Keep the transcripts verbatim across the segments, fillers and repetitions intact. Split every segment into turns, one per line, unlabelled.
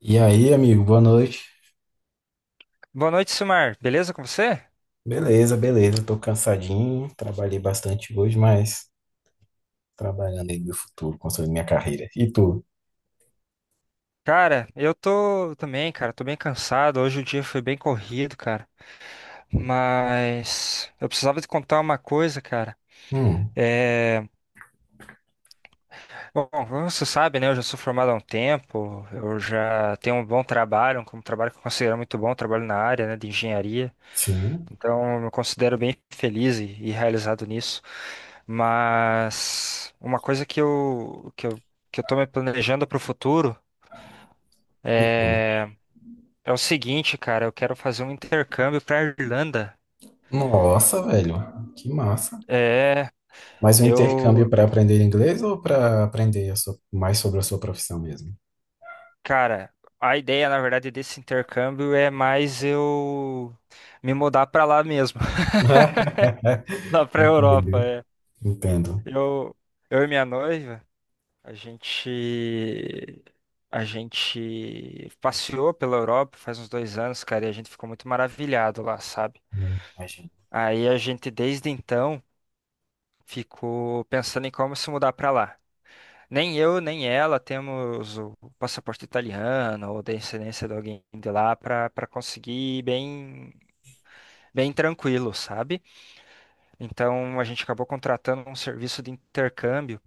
E aí, amigo, boa noite.
Boa noite, Silmar. Beleza com você?
Beleza, beleza. Tô cansadinho, trabalhei bastante hoje, mas trabalhando aí no meu futuro, construindo minha carreira. E tu?
Cara, eu tô também, cara. Tô bem cansado. Hoje o dia foi bem corrido, cara. Mas eu precisava te contar uma coisa, cara.
Hum,
É... Bom, como você sabe, né? Eu já sou formado há um tempo. Eu já tenho um bom trabalho, um trabalho que eu considero muito bom, trabalho na área, né, de engenharia.
sim.
Então, eu me considero bem feliz e, e realizado nisso. Mas uma coisa que eu, que eu, que eu tô me planejando para o futuro.
E tu?
é É o seguinte, cara, eu quero fazer um intercâmbio para Irlanda.
Nossa, velho, que massa.
É,
Mas o
eu,
intercâmbio para aprender inglês ou para aprender a sua- mais sobre a sua profissão mesmo?
cara, a ideia, na verdade, desse intercâmbio é mais eu me mudar para lá mesmo, lá para Europa.
Entendo,
É.
entendo.
Eu, eu e minha noiva, a gente, a gente passeou pela Europa faz uns dois anos, cara, e a gente ficou muito maravilhado lá, sabe?
Imagino.
Aí a gente, desde então, ficou pensando em como se mudar para lá. Nem eu, nem ela temos o passaporte italiano ou descendência de alguém de lá para para conseguir ir bem bem tranquilo, sabe? Então a gente acabou contratando um serviço de intercâmbio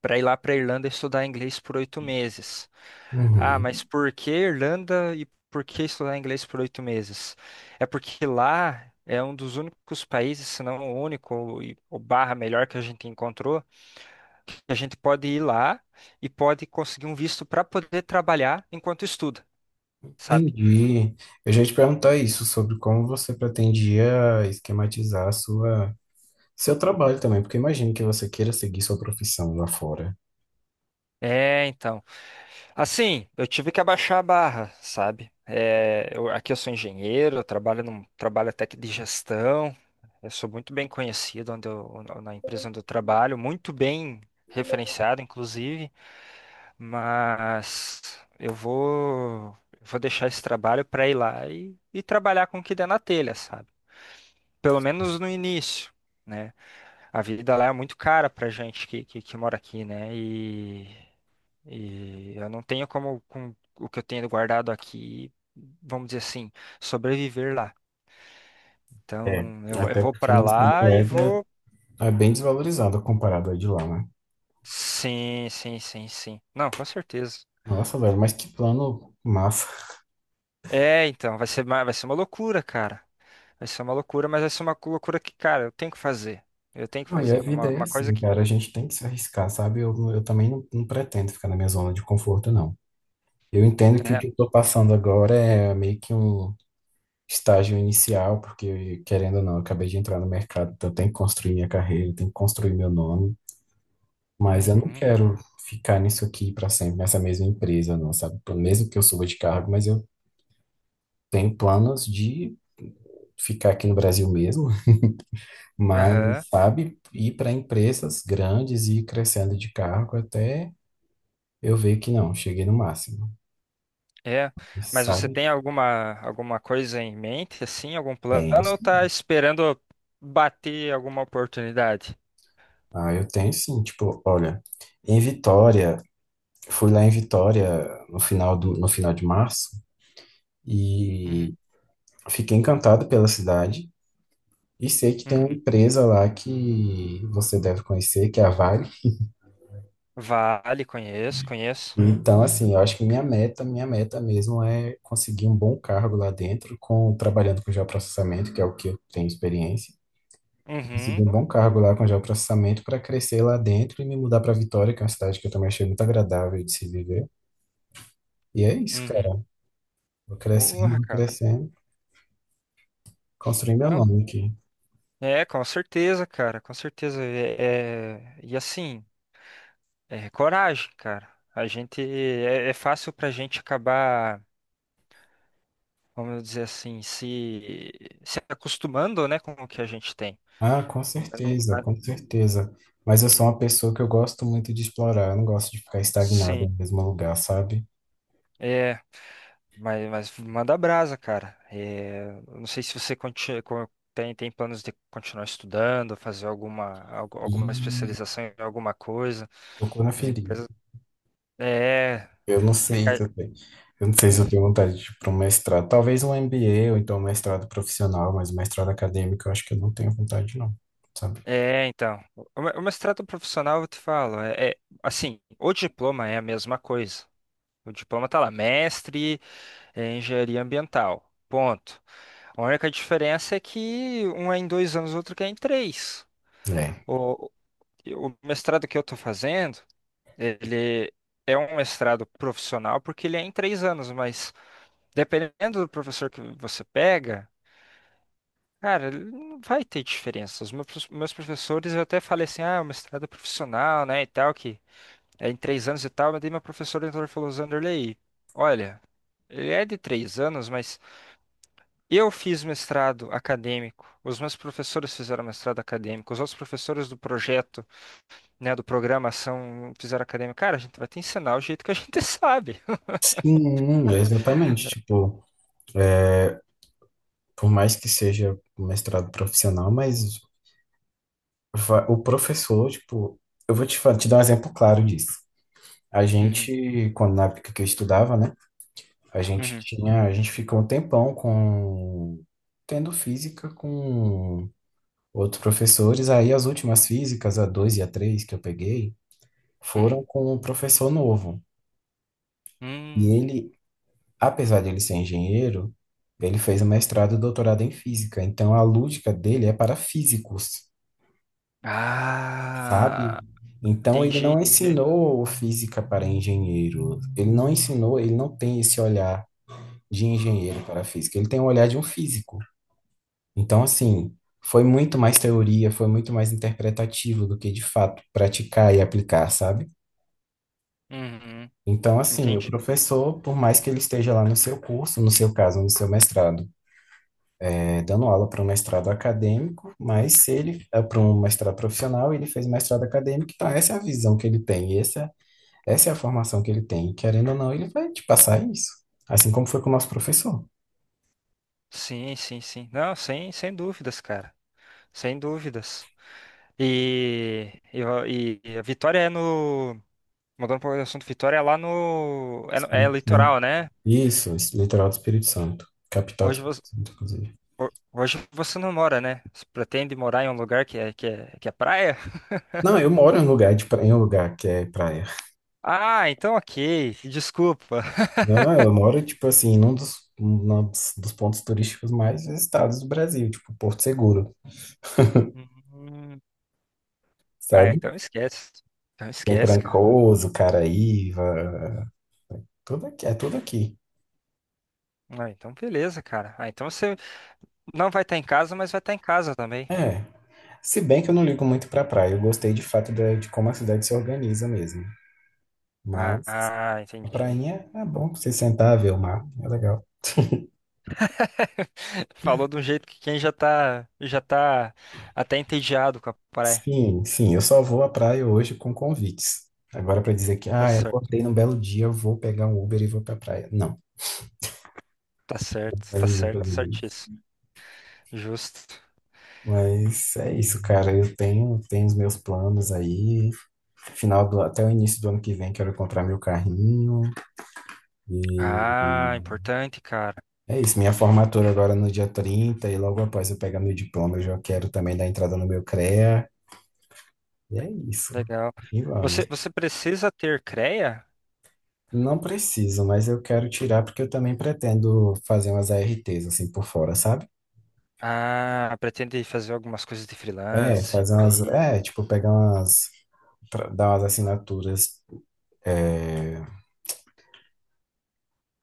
para ir lá para Irlanda estudar inglês por oito meses. Ah, mas
Uhum,
por que Irlanda e por que estudar inglês por oito meses? É porque lá é um dos únicos países, se não o único, e- ou barra melhor que a gente encontrou, e a gente pode ir lá e pode conseguir um visto para poder trabalhar enquanto estuda, sabe?
entendi. Eu já ia te perguntar isso, sobre como você pretendia esquematizar a sua seu trabalho também, porque imagino que você queira seguir sua profissão lá fora.
É, então. Assim, eu tive que abaixar a barra, sabe? É, eu- aqui eu sou engenheiro, eu trabalho num trabalho até que de gestão. Eu sou muito bem conhecido onde eu, na empresa onde eu trabalho, muito bem referenciado, inclusive. Mas eu vou, vou deixar esse trabalho para ir lá e, e trabalhar com o que der na telha, sabe? Pelo menos no início, né? A vida lá é muito cara pra gente que, que, que mora aqui, né? E, e eu não tenho como, com o que eu tenho guardado aqui, vamos dizer assim, sobreviver lá.
É.
Então, eu, vou- eu
Até
vou
porque
pra
nossa
lá e
moeda
vou.
é bem desvalorizada comparado à de lá, né?
Sim, sim, sim, sim. Não, com certeza.
Nossa, velho, mas que plano massa.
É, então, vai ser, ma- vai ser uma loucura, cara. Vai ser uma loucura, mas vai ser uma cu- loucura que, cara, eu tenho que fazer. Eu tenho que
Não, e a
fazer. É uma,
vida é
uma coisa
assim,
que.
cara, a gente tem que se arriscar, sabe? Eu, eu também não, não pretendo ficar na minha zona de conforto, não. Eu entendo que o que
É.
eu tô passando agora é meio que um estágio inicial, porque, querendo ou não, eu acabei de entrar no mercado, então eu tenho que construir minha carreira, eu tenho que construir meu nome. Mas eu não
Uhum.
quero ficar nisso aqui para sempre, nessa mesma empresa, não, sabe? Pelo mesmo que eu suba de cargo, mas eu tenho planos de ficar aqui no Brasil mesmo, mas,
Aham.
sabe, ir para empresas grandes e ir crescendo de cargo até eu ver que não, cheguei no máximo,
É, mas você
sabe?
tem alguma alguma coisa em mente, assim, algum plano,
Tenho,
ou tá
sim.
esperando bater alguma oportunidade?
Ah, eu tenho sim, tipo, olha, em Vitória, fui lá em Vitória no final do, no final de março
Uhum,
e fiquei encantado pela cidade. E sei que tem uma
uhum.
empresa lá que você deve conhecer, que é a Vale.
Vale, conheço, conheço.
Então, assim, eu acho que minha meta, minha meta mesmo é conseguir um bom cargo lá dentro, com trabalhando com geoprocessamento, que é o que eu tenho experiência. Conseguir
Uhum,
um bom cargo lá com geoprocessamento para crescer lá dentro e me mudar para Vitória, que é uma cidade que eu também achei muito agradável de se viver. E é isso,
uhum.
cara. Vou crescendo,
Porra,
vou
cara.
crescendo, construindo meu
Não,
nome aqui.
é, com certeza, cara, com certeza. É, é- e assim, é coragem, cara. A gente é, é fácil pra gente acabar, vamos dizer assim, se se acostumando, né, com o que a gente tem.
Ah, com
Não- é, não-
certeza,
mas-
com certeza. Mas eu sou uma pessoa que eu gosto muito de explorar, eu não gosto de ficar
Sim.
estagnado no mesmo lugar, sabe?
É. Mas, mas manda brasa, cara. É, não sei se você conti- co- tem, tem planos de continuar estudando, fazer alguma, algu- alguma
E
especialização em alguma coisa.
tocou na
As
ferida.
empresas. É,
Eu não sei se
fica.
eu tenho, eu não sei se eu tenho vontade de ir para um mestrado. Talvez um M B A ou então um mestrado profissional, mas um mestrado acadêmico eu acho que eu não tenho vontade, não, sabe?
É, então. O me- o mestrado profissional, eu te falo, é, é- assim, o diploma é a mesma coisa. O diploma tá lá, mestre em engenharia ambiental. Ponto. A única diferença é que um é em dois anos, o outro que é em três.
É.
O mestrado que eu estou fazendo, ele é um mestrado profissional porque ele é em três anos, mas dependendo do professor que você pega, cara, ele não vai ter diferença. Os meus meus professores, eu até falei assim, ah, o mestrado é profissional, né, e tal, que é em três anos e tal, mas daí meu professor entrou e falou, Zanderlei, olha, ele é de três anos, mas eu fiz mestrado acadêmico, os meus professores fizeram mestrado acadêmico, os outros professores do projeto, né, do programação, fizeram acadêmica, cara, a gente vai te ensinar o jeito que a gente sabe.
Sim, exatamente. Tipo, é, por mais que seja um mestrado profissional, mas va- o professor, tipo, eu vou te, fa- te dar um exemplo claro disso. A
Uhum,
gente, quando na época que eu estudava, né? A gente
uhum,
tinha, a gente ficou um tempão com tendo física com outros professores. Aí as últimas físicas, a dois e a três que eu peguei,
uhum.
foram com um professor novo. E
Hum,
ele, apesar de ele ser engenheiro, ele fez o mestrado e doutorado em física. Então a lógica dele é para físicos, sabe?
ah,
Então ele
entendi,
não
entendi.
ensinou física para engenheiro. Ele não ensinou, ele não tem esse olhar de engenheiro
Hum,
para física. Ele tem o olhar de um físico. Então, assim, foi muito mais teoria, foi muito mais interpretativo do que de fato praticar e aplicar, sabe?
uhum.
Então, assim, o
Entendi.
professor, por mais que ele esteja lá no seu curso, no seu caso, no seu mestrado, é, dando aula para um mestrado acadêmico, mas se ele é para um mestrado profissional, ele fez mestrado acadêmico, então essa é a visão que ele tem, essa, essa é a formação que ele tem. Querendo ou não, ele vai te passar isso. Assim como foi com o nosso professor.
Sim, sim, sim. Não, sem, sem dúvidas, cara. Sem dúvidas. E, e, a e- a Vitória é no. Mudando um pouco do assunto, Vitória é lá no. É, no- é
Espírito Santo.
litoral, né?
Isso, es- litoral do Espírito Santo. Capital do
Hoje
Espírito
você,
Santo, inclusive.
ho- hoje você não mora, né? Você pretende morar em um lugar que é, que é, que é praia?
Não, eu moro em um lugar, de pra- em um lugar que é praia.
Ah, então ok. Desculpa.
Não, eu moro, tipo assim, num dos, num dos dos pontos turísticos mais visitados do Brasil, tipo Porto Seguro,
Hum. Ah,
sabe?
então esquece. Então
Tem
esquece, cara.
Trancoso, Caraíva, tudo aqui, é tudo aqui.
Ah, então beleza, cara. Ah, então você não vai estar em casa, mas vai estar em casa também.
É, se bem que eu não ligo muito pra praia, eu gostei de fato de, de como a cidade se organiza mesmo.
Ah,
Mas
ah,
a
entendi.
prainha é bom pra você sentar, ver o mar, é legal.
Falou de um jeito que quem já tá, já tá até entediado com a praia.
Sim, sim, eu só vou à praia hoje com convites. Agora para dizer que,
Tá
ah, eu
certo,
acordei num belo dia, eu vou pegar um Uber e vou pra praia. Não.
tá certo,
Aí
tá
eu vou
certo,
fazer isso.
certíssimo. Justo.
Mas é isso, cara. Eu tenho, tenho os meus planos aí. Final do, até o início do ano que vem, quero comprar meu carrinho. E
Ah, importante, cara.
é isso. Minha formatura agora é no dia trinta e logo após eu pegar meu diploma, eu já quero também dar entrada no meu C R E A. E é isso.
Legal.
E vamos.
Você, você precisa ter creia?
Não preciso, mas eu quero tirar porque eu também pretendo fazer umas A R Ts assim por fora, sabe?
Ah, pretende fazer algumas coisas de
É,
freelance
fazer
por
umas.
aí.
É, tipo, pegar umas. tra- Dar umas assinaturas. É,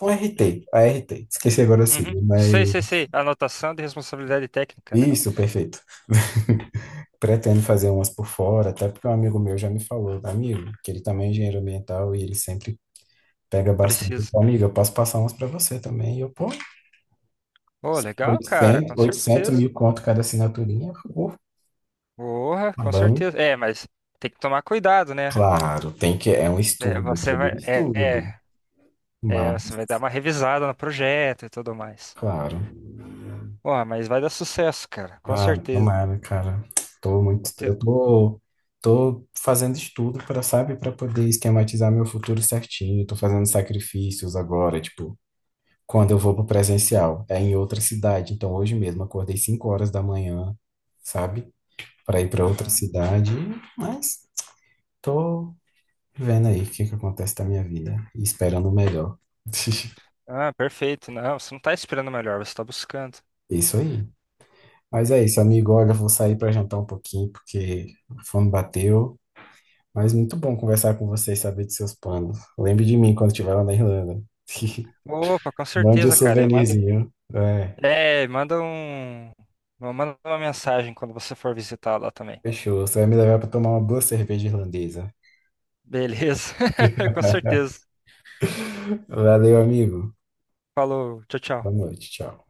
um R T, A R T. Esqueci agora o
Uhum.
sigla,
Sei, sei,
mas.
sei. Anotação de responsabilidade técnica, né?
Isso, perfeito. Pretendo fazer umas por fora, até porque um amigo meu já me falou, amigo, que ele também é engenheiro ambiental e ele sempre pega bastante. Ele
Precisa.
falou: amigo, eu posso passar umas para você também. E eu, pô,
Ô, legal, cara,
oitocentos
com
oitocentos
certeza.
mil conto cada assinaturinha. Pô,
Porra,
tá
com
bom.
certeza. É, mas tem que tomar cuidado, né?
Claro, tem que, é um
É,
estudo, é
você
todo
vai,
um
é,
estudo,
é, é,
mas,
você vai dar uma revisada no projeto e tudo mais.
claro.
Porra, mas vai dar sucesso, cara, com
Ai,
certeza.
tomara, cara. Tô
O
muito,
teu-
eu tô, Tô fazendo estudo para, sabe, para poder esquematizar meu futuro certinho. Tô fazendo sacrifícios agora, tipo, quando eu vou pro presencial, é em outra cidade. Então, hoje mesmo acordei cinco horas da manhã, sabe, para ir para outra
Uhum.
cidade, mas tô vendo aí o que que acontece na minha vida e esperando o melhor.
Ah, perfeito. Não, você não tá esperando o melhor, você tá buscando.
Isso aí. Mas é isso, amigo. Olha, eu vou sair para jantar um pouquinho porque a fome bateu. Mas muito bom conversar com você e saber de seus planos. Lembre de mim quando estiver lá na Irlanda.
Opa, com
Mande um
certeza, cara. E manda
souvenirzinho. É,
É, manda um. Manda uma mensagem quando você for visitar lá também.
fechou. Você vai me levar para tomar uma boa cerveja irlandesa.
Beleza? Com certeza.
Valeu, amigo.
Falou, tchau, tchau.
Boa noite. Tchau.